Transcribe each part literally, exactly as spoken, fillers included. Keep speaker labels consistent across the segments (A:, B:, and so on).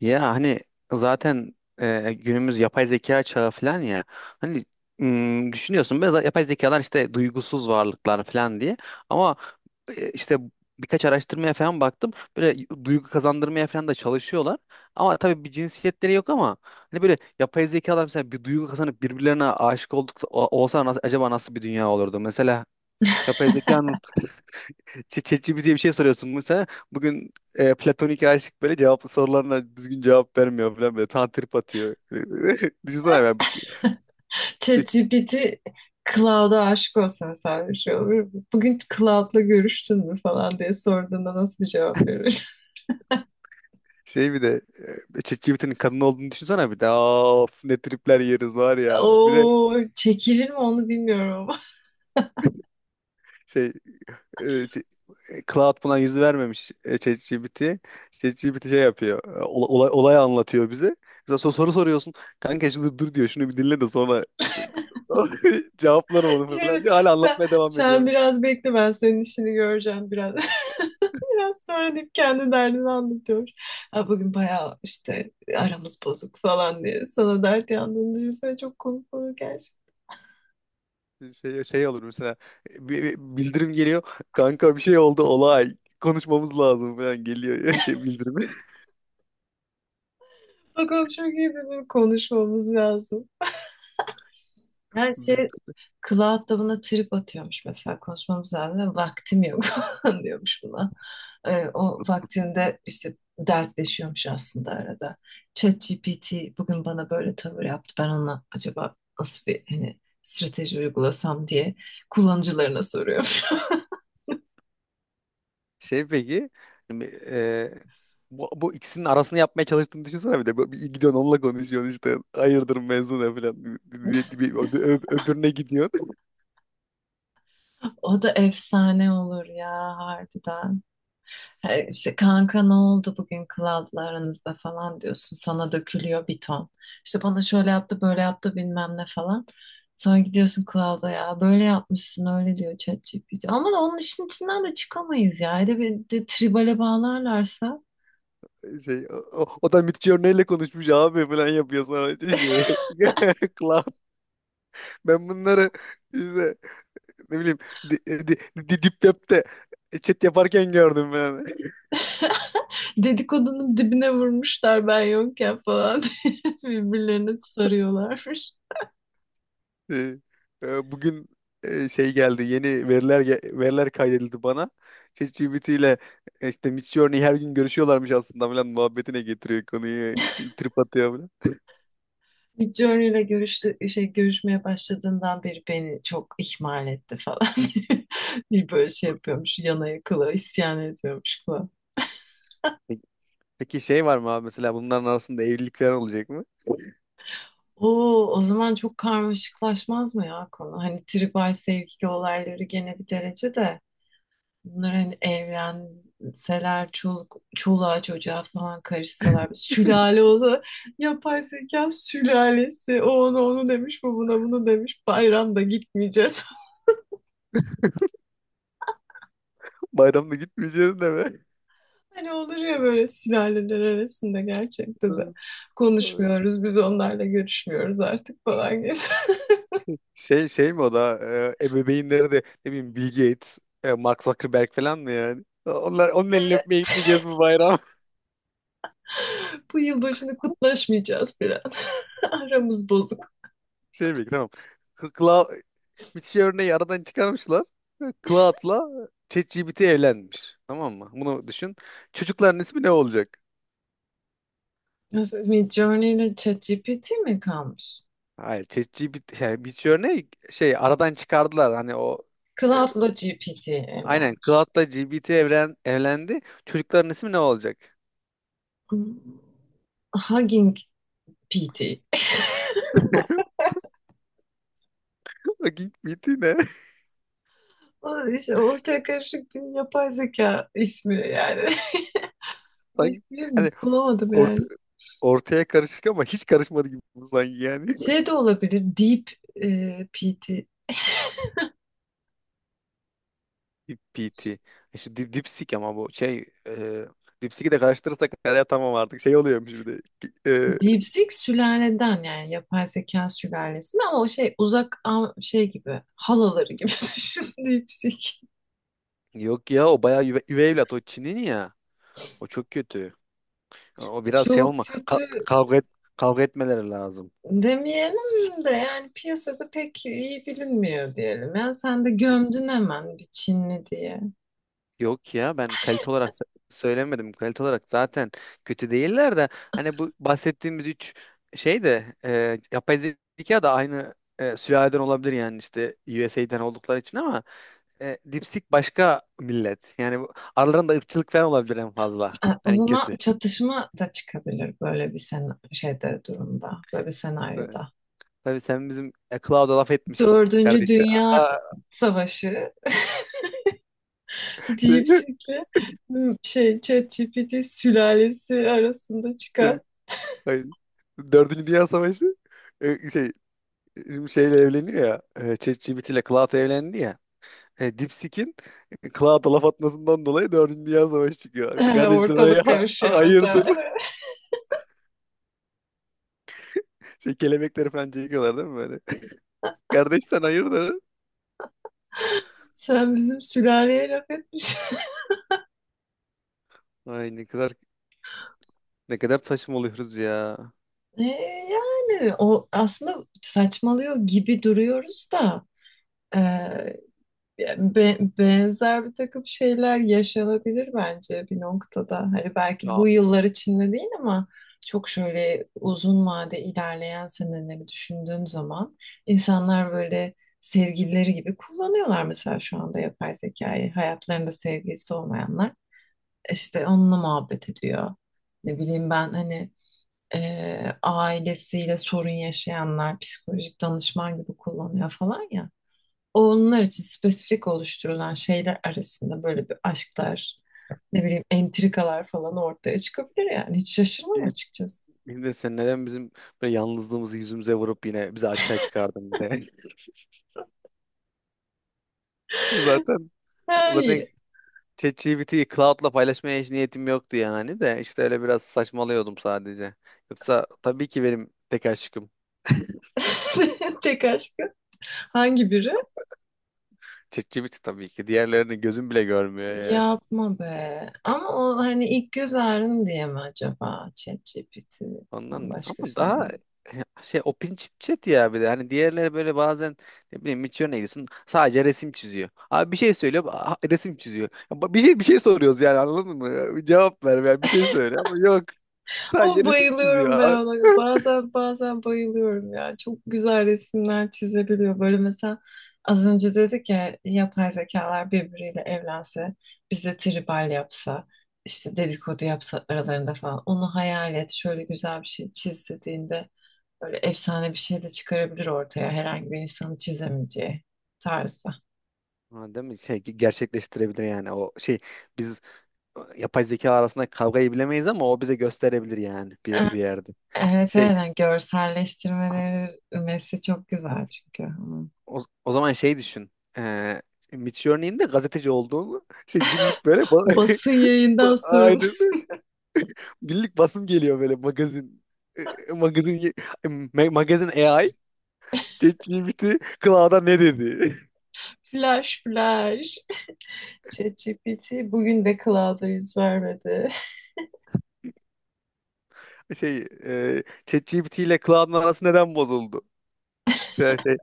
A: Ya hani zaten e, günümüz yapay zeka çağı falan ya. Hani mm, düşünüyorsun böyle yapay zekalar işte duygusuz varlıklar falan diye. Ama e, işte birkaç araştırmaya falan baktım. Böyle duygu kazandırmaya falan da çalışıyorlar. Ama tabii bir cinsiyetleri yok ama hani böyle yapay zekalar mesela bir duygu kazanıp birbirlerine aşık olduk o- olsa nasıl, acaba nasıl bir dünya olurdu? Mesela yapay zekanın Ç- ChatGPT'ye bir şey soruyorsun mesela. Bugün e, platonik aşık böyle cevaplı sorularına düzgün cevap vermiyor falan böyle. Tantrip atıyor. Düşünsene ya bir, bir
B: ChatGPT Cloud'a aşık olsan sen bir şey olur mu? Bugün Cloud'la görüştün mü falan diye sorduğunda nasıl bir cevap verir?
A: şey bir de e, ChatGPT'nin kadın olduğunu düşünsene bir de. Aa, of ne tripler yeriz var ya. Bir de
B: Oo, çekilir mi onu bilmiyorum ama.
A: şey, e, şey e, Cloud buna yüz vermemiş, e, ChatGPT. ChatGPT şey yapıyor. e, ola- Olay, olay anlatıyor bize. Mesela sor- soru soruyorsun. Kanka şunu dur diyor. Şunu bir dinle de sonra cevaplarım onu
B: Şey,
A: falan diyor. Hala
B: sen,
A: anlatmaya devam
B: sen
A: ediyor.
B: biraz bekle ben senin işini göreceğim biraz. Biraz sonra deyip kendi derdini anlatıyor. Ha, bugün bayağı işte aramız bozuk falan diye sana dert yandığını düşünsene çok komik olur gerçekten.
A: şey şey olur mesela, bir- bildirim geliyor, kanka bir şey oldu olay konuşmamız lazım falan geliyor işte bildirimi.
B: Bakalım, çok iyi bir konuşmamız lazım. Yani
A: D-
B: şey, Cloud da buna trip atıyormuş mesela, konuşmamız lazım. Vaktim yok falan diyormuş buna. Ee, o vaktinde işte dertleşiyormuş aslında arada. ChatGPT bugün bana böyle tavır yaptı. Ben ona acaba nasıl bir hani strateji uygulasam diye kullanıcılarına soruyorum.
A: Şey, peki şimdi, e, bu, bu ikisinin arasını yapmaya çalıştığını düşünsene bir de. Bu- bir gidiyorsun onunla konuşuyorsun, işte hayırdır mevzu ne falan. Bir- bir- öb- öbürüne gidiyorsun.
B: O da efsane olur ya, harbiden. E, İşte kanka ne oldu bugün Cloud'la aranızda falan diyorsun. Sana dökülüyor bir ton. İşte bana şöyle yaptı böyle yaptı bilmem ne falan. Sonra gidiyorsun Cloud'a, ya böyle yapmışsın öyle diyor ChatGPT. Ama onun işin içinden de çıkamayız ya. Hele bir de tribale bağlarlarsa
A: Şey, o, o o da Midjourney'le konuşmuş abi falan yapıyor, sonra işte şey. Cloud, ben bunları işte ne bileyim di, e, di, di- Deep Web'de chat yaparken gördüm ben.
B: dedikodunun dibine vurmuşlar ben yokken falan, birbirlerine sarıyorlarmış.
A: Ee, e, Bugün e, şey geldi, yeni veriler ge- veriler kaydedildi bana. ChatGPT ile e, işte Midjourney her gün görüşüyorlarmış aslında falan muhabbetine getiriyor konuyu. Trip atıyor falan.
B: Midjourney ile görüştü, şey, görüşmeye başladığından beri beni çok ihmal etti falan. Bir böyle şey yapıyormuş, yana yakıla isyan ediyormuş falan.
A: Peki peki şey, var mı abi mesela bunların arasında evlilik falan olacak mı?
B: Oo, o zaman çok karmaşıklaşmaz mı ya konu? Hani tribal sevgi olayları gene bir derece de, bunlar hani evlenseler, çoluk, çoluğa çocuğa falan karışsalar bir sülale olsa, yapay zeka sülalesi, o onu onu demiş bu buna bunu demiş, bayramda gitmeyeceğiz.
A: Bayramda gitmeyeceğiz de mi?
B: Hani olur ya böyle sülaleler arasında gerçekten de konuşmuyoruz. Biz onlarla görüşmüyoruz artık falan gibi.
A: Şey, şey mi? O da e, ebeveynleri de ne bileyim Bill Gates, e, Mark Zuckerberg falan mı yani? Onlar onun elini öpmeye gitmeyeceğiz bu bayram.
B: Bu yılbaşını kutlaşmayacağız bir an. Aramız bozuk.
A: Şey mi? Tamam. K- Cla müthiş örneği aradan çıkarmışlar. Cloud'la ChatGPT evlenmiş. Tamam mı? Bunu düşün. Çocukların ismi ne olacak?
B: Nasıl, Midjourney ile ChatGPT mi kalmış?
A: Hayır, ChatGPT yani Mitch örneği şey aradan çıkardılar. Hani o e,
B: Cloud'la G P T
A: aynen
B: evlenmiş.
A: Cloud'la G B T evren evlendi. Çocukların ismi ne olacak?
B: Hmm, Hugging P T.
A: Bak, G P T ne?
B: O İşte ortaya karışık bir yapay zeka ismi yani. Başka
A: Sanki
B: bir şey
A: hani
B: bulamadım
A: orta
B: yani.
A: ortaya karışık ama hiç karışmadı gibi bu, sanki yani.
B: Şey de olabilir. Deep e, P T.
A: Dip P T. E şu dip, dipsik, ama bu şey e, dipsiki de karıştırırsak hala tamam artık şey oluyormuş bir de. E,
B: DeepSeek sülaleden, yani yapay zeka sülalesinden, ama o şey uzak am- şey gibi, halaları gibi düşün DeepSeek.
A: Yok ya, o bayağı üve, üvey evlat, o Çin'in ya. O çok kötü. O biraz şey
B: Çok
A: olma, ka-
B: kötü
A: kavga et, kavga etmeleri lazım.
B: demeyelim de yani, piyasada pek iyi bilinmiyor diyelim. Yani sen de gömdün hemen bir Çinli diye.
A: Yok ya, ben kalite olarak s- söylemedim. Kalite olarak zaten kötü değiller, de hani bu bahsettiğimiz üç şey de e, yapay zeka da aynı e, sülaleden olabilir yani, işte U S U S A'den oldukları için, ama e, Dipsik başka millet. Yani bu, aralarında ırkçılık falan olabilir en fazla.
B: E, o
A: Hani
B: zaman
A: kötü.
B: çatışma da çıkabilir böyle bir sen şeyde durumda, böyle bir
A: E,
B: senaryoda.
A: Tabii sen bizim e, Cloud'a laf etmişsin
B: Dördüncü
A: kardeşi.
B: Dünya
A: Aa,
B: Savaşı,
A: şey,
B: DeepSeek'le bu şey ChatGPT sülalesi arasında
A: şey,
B: çıkan,
A: hayır. Dördüncü Dünya Savaşı, e, şey, bizim şeyle evleniyor ya. E, ChatGPT ile Cloud evlendi ya. E, Dipsik'in Cloud'a laf atmasından dolayı dördüncü. Dünya Savaşı çıkıyor. Kardeş sen hay-
B: ortalık
A: ha-
B: karışıyor mesela.
A: hayırdır? Şey, kelebekleri falan çekiyorlar değil mi böyle? Kardeş sen hayırdır?
B: Sen bizim sülaleye laf etmiş.
A: Ay ne kadar ne kadar saçmalıyoruz ya.
B: E, yani o aslında, saçmalıyor gibi duruyoruz da Be- benzer bir takım şeyler yaşanabilir bence bir noktada. Hani belki
A: Ya
B: bu yıllar içinde değil, ama çok şöyle uzun vade ilerleyen seneleri düşündüğün zaman, insanlar böyle sevgilileri gibi kullanıyorlar mesela şu anda yapay zekayı. Hayatlarında sevgilisi olmayanlar işte onunla muhabbet ediyor. Ne bileyim ben hani e, ailesiyle sorun yaşayanlar psikolojik danışman gibi kullanıyor falan ya, onlar için spesifik oluşturulan şeyler arasında böyle bir aşklar, ne bileyim entrikalar falan ortaya çıkabilir yani. Hiç şaşırmam
A: e,
B: açıkçası.
A: Emre, sen neden bizim böyle yalnızlığımızı yüzümüze vurup yine bizi açığa çıkardın bir de? Zaten
B: Ha,
A: zaten
B: iyi.
A: ChatGPT'yi Cloud'la paylaşmaya hiç niyetim yoktu yani, de işte öyle biraz saçmalıyordum sadece. Yoksa tabii ki benim tek aşkım
B: Tek aşkı hangi biri?
A: ChatGPT, tabii ki. Diğerlerini gözüm bile görmüyor yani.
B: Yapma be. Ama o hani ilk göz ağrın diye mi acaba ChatGPT'den
A: Ondan ama
B: başkasını...
A: daha e, şey, open chit, ya bir de hani diğerleri böyle bazen ne bileyim Miço'ya gidiyorsun, sadece resim çiziyor. Abi bir şey söylüyor, a- resim çiziyor. Ya ba- Bir şey bir şey soruyoruz yani, anladın mı? Ya bir cevap ver yani, bir şey söyle, ama yok,
B: Ama
A: sadece resim çiziyor
B: bayılıyorum ben
A: abi.
B: ona. Bazen bazen bayılıyorum ya. Çok güzel resimler çizebiliyor. Böyle mesela az önce dedik ya, yapay zekalar birbiriyle evlense, bize tribal yapsa, işte dedikodu yapsa aralarında falan. Onu hayal et. Şöyle güzel bir şey çiz dediğinde böyle efsane bir şey de çıkarabilir ortaya. Herhangi bir insanın çizemeyeceği tarzda.
A: Ha, değil mi? Şey gerçekleştirebilir yani, o şey, biz yapay zeka arasında kavgayı bilemeyiz ama o bize gösterebilir yani bir,
B: E-
A: bir yerde.
B: Evet, evet.
A: Şey,
B: Yani görselleştirmeleri çok güzel çünkü. Hı.
A: o, o zaman şey düşün. Ee, Mitch örneğinde gazeteci olduğunu, şey, günlük böyle.
B: Basın
A: Ba-
B: yayından sorumlu.
A: Aynen. Birlik basım geliyor böyle, magazin. E, Magazin ye- ma- magazin A I, ChatGPT Cloud'a ne dedi?
B: Flash flash. ChatGPT bugün de Cloud'a yüz vermedi.
A: Şey, e, ChatGPT ile Cloud'un arası neden bozuldu? Şey, şey,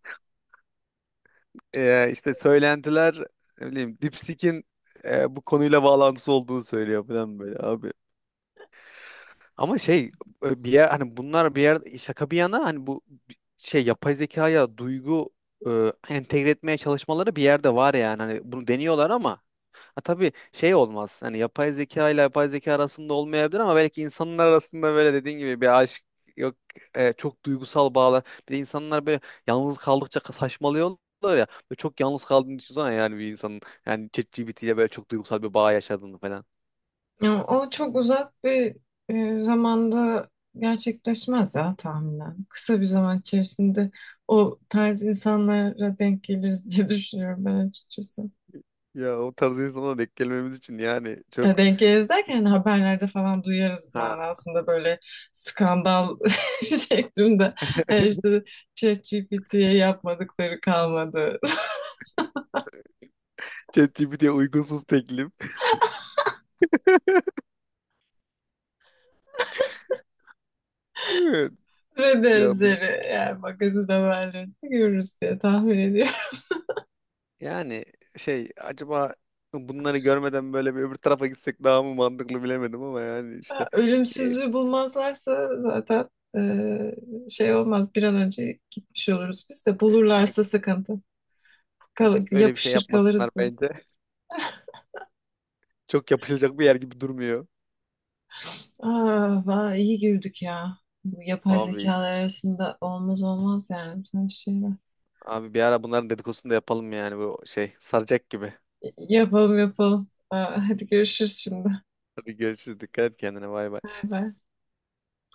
A: e, işte söylentiler, ne bileyim DeepSeek'in e, bu konuyla bağlantısı olduğunu söylüyor falan böyle abi. Ama şey, e, bir yer, hani bunlar, bir yer şaka bir yana, hani bu şey, yapay zekaya duygu e, entegre etmeye çalışmaları bir yerde var yani. Hani bunu deniyorlar ama ha, tabii şey olmaz. Hani yapay zeka ile yapay zeka arasında olmayabilir ama belki insanlar arasında böyle dediğin gibi bir aşk, yok, e, çok duygusal bağlar. Bir de insanlar böyle yalnız kaldıkça ka- saçmalıyorlar ya. Böyle çok yalnız kaldığını düşünsene yani, bir insanın, yani ChatGPT ile böyle çok duygusal bir bağ yaşadığını falan.
B: Ya, o çok uzak bir e, zamanda gerçekleşmez ya tahminen. Kısa bir zaman içerisinde o tarz insanlara denk geliriz diye düşünüyorum ben açıkçası.
A: Ya o tarz insanlara denk gelmemiz için yani
B: Ya,
A: çok,
B: denk geliriz derken hani haberlerde falan duyarız
A: ha.
B: manasında, böyle skandal şeklinde. Yani işte ChatGPT'ye yapmadıkları kalmadı.
A: ChatGPT'ye ye uygunsuz teklif. Evet.
B: Ve
A: Ya
B: benzeri yani magazin haberlerini görürüz diye tahmin ediyorum.
A: yani şey, acaba bunları görmeden böyle bir öbür tarafa gitsek daha mı mantıklı bilemedim ama yani, işte e,
B: Ölümsüzlüğü bulmazlarsa zaten eee, şey olmaz, bir an önce gitmiş oluruz. Biz de bulurlarsa
A: yok-
B: sıkıntı.
A: yok,
B: Kal
A: öyle bir şey
B: yapışır
A: yapmasınlar
B: kalırız burada.
A: bence. Çok yapılacak bir yer gibi durmuyor.
B: Ah, vay, iyi girdik ya. Bu yapay
A: Abi
B: zekalar arasında olmaz olmaz yani bütün şeyler.
A: abi bir ara bunların dedikodusunu da yapalım yani, bu şey saracak gibi.
B: Y- Yapalım yapalım. Aa, hadi görüşürüz şimdi.
A: Hadi görüşürüz. Dikkat et kendine. Bay bay.
B: Bay bay.